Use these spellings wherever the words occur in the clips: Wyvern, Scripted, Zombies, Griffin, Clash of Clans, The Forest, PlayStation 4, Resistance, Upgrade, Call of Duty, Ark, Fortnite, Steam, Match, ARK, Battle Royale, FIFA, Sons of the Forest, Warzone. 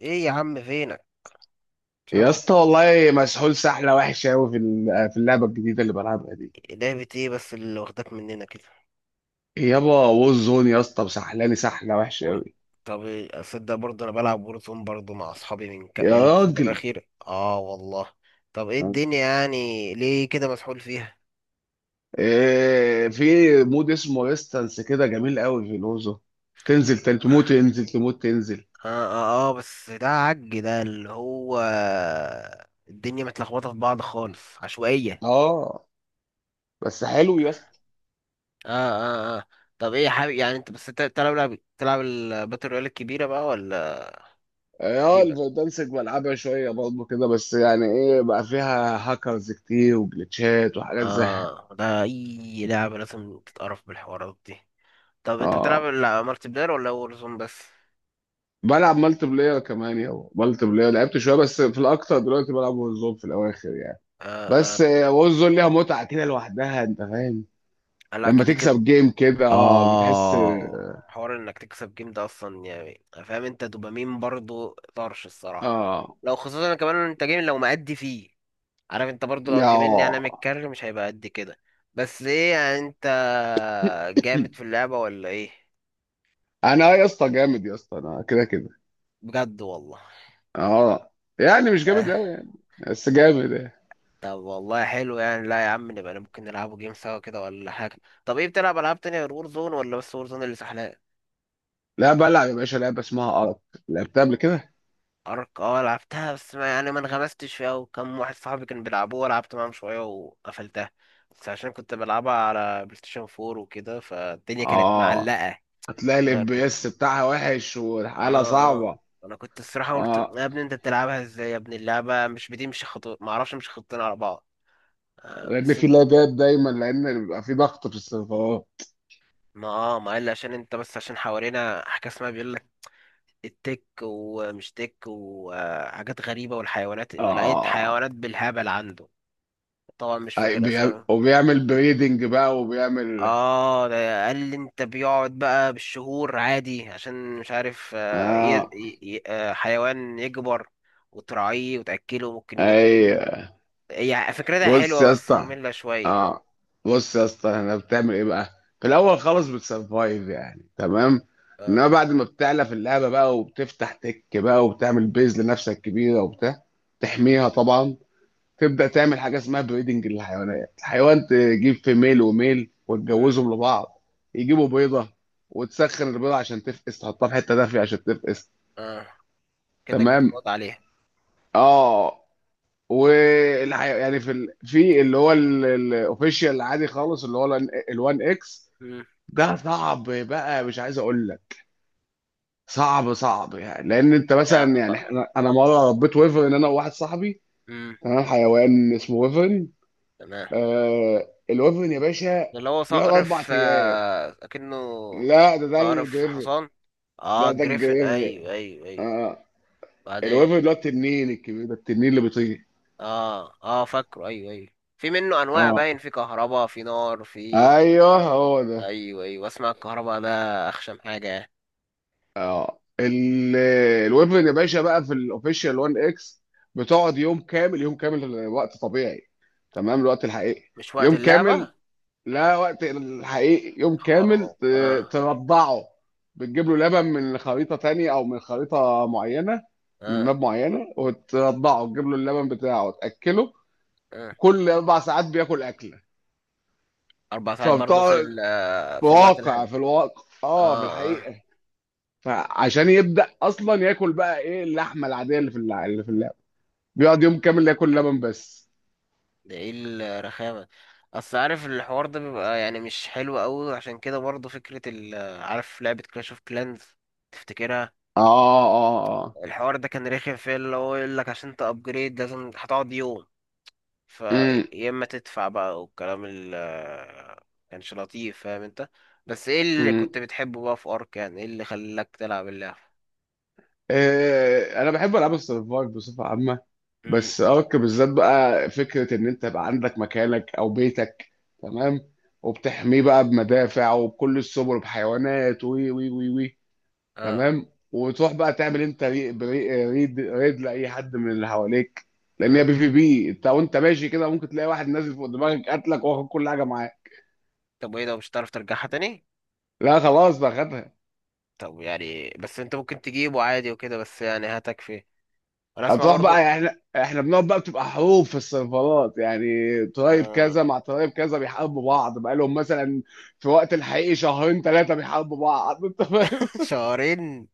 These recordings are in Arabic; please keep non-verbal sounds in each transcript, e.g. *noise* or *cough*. ايه يا عم فينك؟ مش عارف يا هو. اسطى والله مسحول سحله وحشه قوي في اللعبه الجديده اللي بلعبها دي. لعبة ايه بس اللي واخداك مننا كده؟ يابا ووزون يا اسطى مسحلاني سحله وحشه وور- قوي طب إيه، اصدق برضه انا بلعب وورزون برضه مع اصحابي يا الفترة راجل. الأخيرة اه والله. طب ايه الدنيا يعني ليه كده مسحول فيها؟ إيه، في مود اسمه ريستانس كده جميل قوي في الوزون. تنزل تموت، تنزل تموت تنزل. اه اه اه، بس ده عج ده اللي هو الدنيا متلخبطة في بعض خالص عشوائية. اه بس حلو يا اسطى. اه اه اه، طب ايه يا حبيبي، يعني انت بس انت بتلعب لعب تلعب الباتل رويال الكبيرة بقى ولا دي اه بقى؟ الفردانسك بلعبها شويه برضه كده، بس يعني ايه بقى، فيها هاكرز كتير وجلitchات وحاجات زي. اه ده اي لعبة لازم تتقرف بالحوارات دي. طب انت بتلعب اه لا مالتي بلاير ولا وورزون بس؟ بلعب مالتي بلاير كمان يابا، مالتي بلاير لعبت شويه بس، في الاكتر دلوقتي بلعب وورزون في الاواخر يعني. بس آه وورزون ليها متعه كده لوحدها، انت فاهم، آه، لا لما كده كده. تكسب جيم كده اه بتحس. اه، حوار انك تكسب جيم ده اصلا يعني فاهم انت دوبامين برضو طرش الصراحه. اه لو خصوصا كمان انت جيم لو مأدي فيه، عارف انت برضو لو يا جيمين يعني متكرر مش هيبقى قد كده. بس ايه يعني انت جامد في اللعبه ولا ايه؟ انا يا اسطى جامد يا اسطى، انا كده كده. بجد والله؟ اه يعني مش جامد آه، قوي يعني بس جامد يعني. طب والله حلو، يعني لا يا عم نبقى ممكن نلعبوا جيم سوا كده ولا حاجه. طب ايه بتلعب العاب تانية غير وور زون، ولا بس وور زون اللي سحلان؟ لا بلعب يا باشا لعبه اسمها ارك، لعبتها قبل كده. ارك، اه لعبتها بس ما يعني ما انغمستش فيها، وكم واحد صاحبي كان بيلعبوها لعبت معاهم شويه وقفلتها. بس عشان كنت بلعبها على بلاي ستيشن 4 وكده فالدنيا كانت اه معلقه. هتلاقي الاف آه بي كنت اس بتاعها وحش والحاله اه اه صعبه. انا كنت الصراحه قلت اه يا ابني انت بتلعبها ازاي يا ابني، اللعبه مش بتمشي خطوط، ما اعرفش، مش خطين على بعض. آه لان بس في انت لاجات دايما، لان بيبقى في ضغط في السيرفرات. ما قال لي، عشان انت بس عشان حوالينا حاجه اسمها بيقول لك التك ومش تك وحاجات غريبه، والحيوانات لقيت اه حيوانات بالهبل عنده. طبعا مش أي فاكر اسامي. وبيعمل بريدنج بقى وبيعمل. اه ده قال لي انت بيقعد بقى بالشهور عادي عشان مش عارف اه حيوان يكبر وتراعيه وتأكله ممكن يموت منه. ايوه. هي فكرتها بص حلوة يا بس اسطى، مملة شوية. اه بص يا اسطى انا بتعمل ايه بقى. في الاول خالص بتسرفايف يعني، تمام. اه. انما بعد ما بتعلى في اللعبه بقى وبتفتح تك بقى وبتعمل بيز لنفسك كبيره وبتاع، مم. تحميها طبعا. تبدا تعمل حاجه اسمها بريدنج للحيوانات، الحيوان تجيب فيميل وميل مم. وتجوزهم لبعض. يجيبوا بيضه، وتسخن البيضه عشان تفقس، تحطها في حته دافيه عشان تفقس. اه، كأنك تمام. بتضغط عليها. اه يعني في اللي هو الاوفيشال العادي خالص، اللي هو ال1 اكس. مم. ده صعب بقى، مش عايز اقول لك، صعب صعب يعني. لان انت مثلا يلا يعني بقى. انا مره ربيت ويفر ان، انا وواحد صاحبي. مم. تمام، حيوان اسمه ويفر. تمام، آه الوفن يا باشا، ده اللي هو بيقعد صقر اربع في ايام كأنه لا ده صقر في الجريفن. حصان. اه لا ده جريفن، الجريفن. ايوه ايوه ايوه اه بعدين. الوفن اللي هو التنين الكبير ده، التنين اللي بيطير. اه اه فاكره، ايوه ايوه، في منه انواع اه باين، في كهرباء، في نار، في. ايوه هو ده. ايوه ايوه اسمع، الكهرباء ده اخشم حاجه يعني. اه الوفن يا باشا بقى في الاوفيشال 1 اكس، بتقعد يوم كامل يوم كامل وقت طبيعي. تمام، الوقت الحقيقي، مش وقت يوم كامل. اللعبه؟ لا وقت الحقيقي يوم كامل، خراب اه. ترضعه. بتجيب له لبن من خريطة تانية أو من خريطة معينة، من اه ماب معينة، وترضعه تجيب له اللبن بتاعه تأكله. اه، كل 4 ساعات بياكل أكلة. 4 ساعات برضه في فبتقعد، ال آه، في الوقت واقع الهاي. في الواقع اه في اه اه. الحقيقة. فعشان يبدأ أصلا ياكل بقى إيه اللحمة العادية اللي في اللي في اللعبة، بيقعد يوم كامل ياكل لبن بس. ده ايه الرخامه. اصل عارف الحوار ده بيبقى يعني مش حلو قوي، عشان كده برضه فكره ال آه، عارف لعبه كلاش اوف كلانز، تفتكرها؟ اه اه اه. الحوار ده كان رخم فيه، اللي هو يقول لك عشان تابجريد لازم هتقعد يوم، فيا اما تدفع بقى والكلام ال كانش لطيف، فاهم انت. بس ايه اللي امم كنت بتحبه بقى في ارك يعني، ايه اللي خلاك تلعب اللعبة؟ انا بحب العاب السرفايف بصفه عامه. مم. بس ارك بالذات بقى، فكره ان انت يبقى عندك مكانك او بيتك، تمام، وبتحميه بقى بمدافع وبكل السبل وبحيوانات، وي وي وي وي، اه. تمام. وتروح بقى تعمل انت ريد لاي حد من اللي حواليك، لان مم. هي بي في بي، انت وانت ماشي كده ممكن تلاقي واحد نازل فوق دماغك قتلك واخد كل حاجه معاه. طب وايه، ده مش هتعرف ترجعها تاني؟ لا خلاص بقى، خدها. طب يعني بس انت ممكن تجيبه عادي وكده بس يعني هتكفي؟ انا اسمع هتروح برضو. بقى يعني، احنا بنقعد بقى، بتبقى حروب في السيرفرات يعني. طيب آه. كذا مع طيب كذا بيحاربوا بعض بقى لهم مثلا، في وقت الحقيقي 2 3 شهور بيحاربوا بعض *laughs* انت فاهم. *laughs* شهرين.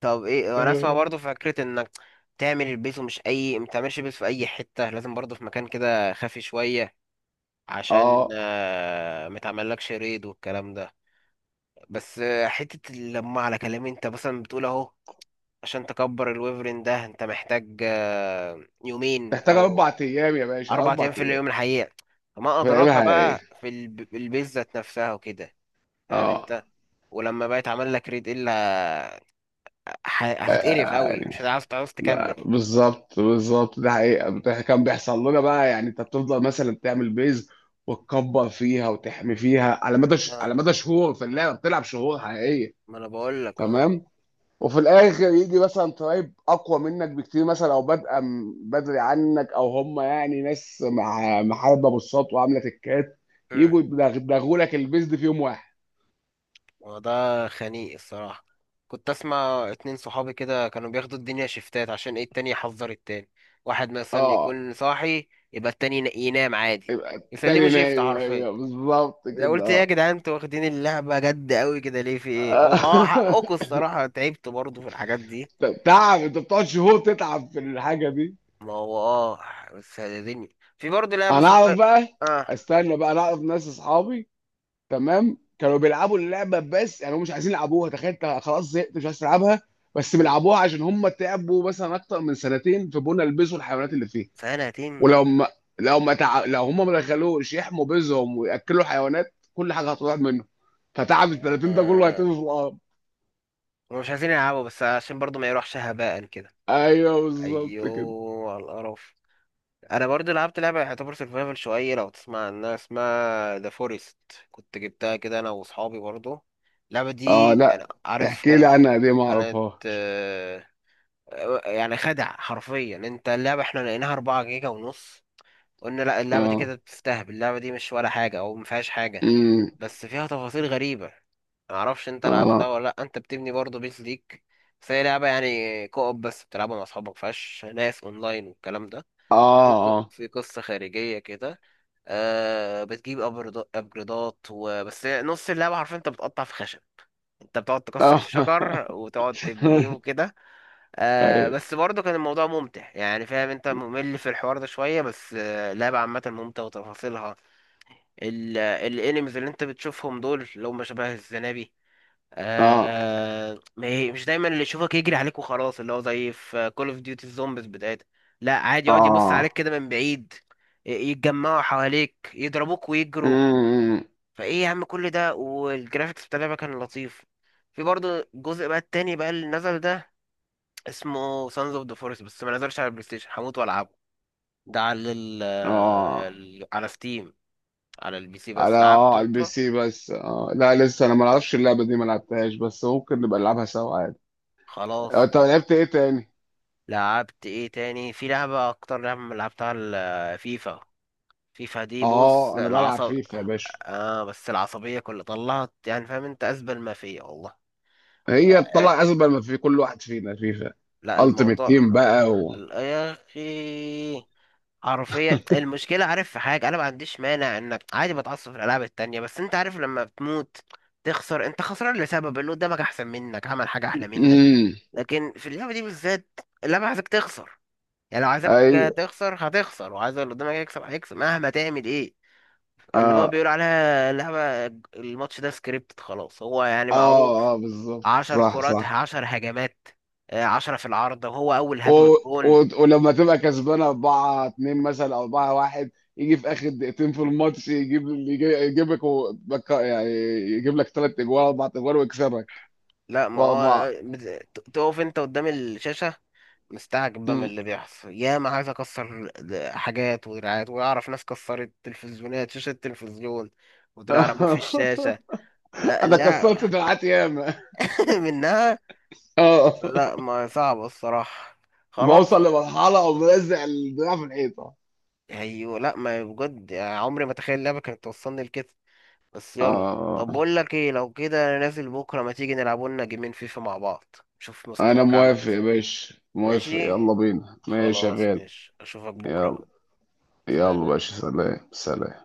طب ايه، انا اسمع تمام. برضو فكرة انك تعمل البيت، ومش اي ما تعملش بيت في اي حتة، لازم برضو في مكان كده خافي شوية عشان اه ما تعملكش ريد والكلام ده. بس حتة لما على كلامي انت مثلا بتقول اهو، عشان تكبر الويفرين ده انت محتاج يومين تحتاج او 4 ايام يا باشا، 4 ايام اربع في ايام اليوم الحقيقة. فما ادراك فاهمها ايه. بقى في البيتزا ذات نفسها وكده، فاهم اه انت. ولما بقى يتعمل لك ريد الا هتتقرف قوي، يعني مش هتعرف تعرف لا تكمل. بالظبط بالظبط، ده حقيقة كان بيحصل لنا بقى، يعني انت بتفضل مثلا تعمل بيز وتكبر فيها وتحمي فيها على مدى اه، على مدى شهور، في اللعبة بتلعب شهور حقيقية. ما انا بقول لك اه. تمام. وفي الاخر يجي مثلا طيب اقوى منك بكتير مثلا، او بادئه بدري عنك، او هم يعني ناس مع محاربه بالسط وعامله تكات، يجوا يدغدغوا لك البيزد في يوم واحد. وده خنيق الصراحة. كنت أسمع 2 صحابي كده كانوا بياخدوا الدنيا شفتات، عشان إيه التاني يحذر التاني. واحد مثلا اه يكون صاحي يبقى التاني ينام عادي. يبقى يسلموا التاني شيفت نايم، حرفيا. ايوه بالظبط ده قلت إيه يا كده. جدعان، انتوا واخدين اللعبة جد أوي كده ليه، في إيه؟ أو اه حقكوا الصراحة تعبت برضه في الحاجات دي. *laughs* طب تعب، انت بتقعد شهور تتعب في الحاجه دي. ما هو آه. بس هتدني في برضه لعبة انا اعرف سربايف. بقى، آه. استنى بقى، انا اعرف ناس اصحابي، تمام، كانوا بيلعبوا اللعبه، بس يعني هم مش عايزين يلعبوها، تخيل انت خلاص زهقت مش عايز تلعبها، بس م. بيلعبوها عشان هم تعبوا مثلا اكتر من 2 سنين في بنا يلبسوا الحيوانات اللي فيه. سنتين. ولو ما، لو ما لو هم ما دخلوش يحموا بيزهم وياكلوا حيوانات كل حاجه هتروح منهم، فتعب ال 30 ده كله آه، هيتم في الارض. هما مش عايزين يلعبوا بس عشان برضه ما يروحش هباء كده. ايوه بالظبط كده. ايوه، على القرف. انا برضه لعبت لعبه يعتبر سرفايفل شويه، لو تسمع عنها اسمها ذا فورست. كنت جبتها كده انا واصحابي برضه. اللعبه اه دي يعني لا عارف احكي لي كانت، عنها دي، ما كانت اعرفهاش. آه، يعني خدع حرفيا انت، اللعبه احنا لقيناها 4 جيجا ونص. قلنا لا اللعبه دي اه كده بتستهبل، اللعبه دي مش ولا حاجه او ما فيهاش حاجه. امم. بس فيها تفاصيل غريبه. ما اعرفش انت لعبتها اه ولا لا، انت بتبني برضه بيت ليك. بس هي لعبه يعني كوب بس، بتلعبها مع اصحابك، ما فيهاش ناس اونلاين والكلام ده. في ق- اه في قصة خارجية كده. آه بتجيب أبجريدات، وبس نص اللعبة حرفيا أنت بتقطع في خشب، أنت بتقعد تكسر اه في *laughs* اه شجر وتقعد تبنيه وكده. آه أيوة. بس برضه كان الموضوع ممتع، يعني فاهم أنت، ممل في الحوار ده شوية بس آه لعبة عامة ممتعة وتفاصيلها. الانيمز اللي أنت بتشوفهم دول اللي هم شبه الزنابي. اه آه ما هي- مش دايما اللي يشوفك يجري عليك وخلاص، اللي هو زي في كول اوف ديوتي الزومبيز بتاعتها. لا عادي، يقعد يبص عليك كده من بعيد، يتجمعوا حواليك يضربوك ويجروا. اه فايه يا عم كل ده، والجرافيكس بتاع اللعبه كان لطيف. في برضه الجزء بقى التاني بقى اللي نزل ده، اسمه سانز اوف ذا فورست، بس ما نزلش على البلاي ستيشن، هموت والعبه. ده على ال آه، اه. ال- على ستيم، على البي سي على بس، اه لعبته على البي انت؟ سي بس. اه لا لسه انا ما اعرفش اللعبه دي ما لعبتهاش، بس ممكن نبقى نلعبها سوا عادي. خلاص. آه، انت لعبت ايه تاني. لعبت ايه تاني؟ في لعبة اكتر لعبة لعبتها، الفيفا. فيفا دي بص اه انا بلعب العصب. فيفا يا باشا. اه، بس العصبية كلها طلعت، يعني فاهم انت ازبل ما فيا والله. هي يعني طلع ازبل ما في كل واحد فينا فيفا، لا التيمت الموضوع، تيم بقى و. يا اخي حرفيا المشكلة، عارف في حاجة، انا ما عنديش مانع انك عادي بتعصب في الالعاب التانية، بس انت عارف لما بتموت تخسر انت خسران لسبب اللي قدامك احسن منك عمل حاجة احلى منك. امم لكن في اللعبة دي بالذات اللعبة عايزك تخسر، يعني لو عايزك ايوه. تخسر هتخسر، وعايز اللي قدامك يكسب هيكسب مهما تعمل ايه. اللي هو اه بيقول عليها اللعبة، الماتش ده سكريبتد خلاص هو يعني معروف. اه, بالظبط عشر صح كرات صح. 10 هجمات، 10 في العارضة وهو أول و... هجمة بجون. و... ولما تبقى كسبان 4-2 مثلا او 4-1، يجي في اخر 2 دقايق في الماتش، يجيبك يعني، يجيب لك 3 اجوال 4 اجوال ويكسبك. لا، ما هو وأربعة. تقف انت قدام الشاشة مستعجب بقى من مم. اللي بيحصل، يا ما عايز اكسر حاجات ودراعات، واعرف ناس كسرت تلفزيونات، شاشة التلفزيون ودراع رموه في الشاشة. *laughs* لا أنا كسرت لا. دراعات ياما. *laughs* منها. اه لا، ما صعب الصراحة، بوصل خلاص. لمرحلة أو ملزق الدراع في الحيطة. ايوه، لا ما بجد يعني عمري ما تخيل اللعبة كانت توصلني لكده. بس يلا. اه طب بقول لك ايه، لو كده انا نازل بكرة، ما تيجي نلعبوا لنا جيمين فيفا مع بعض، شوف أنا مستواك عامل موافق ازاي. يا باشا موافق، ماشي. يلا بينا ماشي خلاص شغال. ماشي، اشوفك بكرة بقى. يلا. يلا سلام. باشا سلام سلام.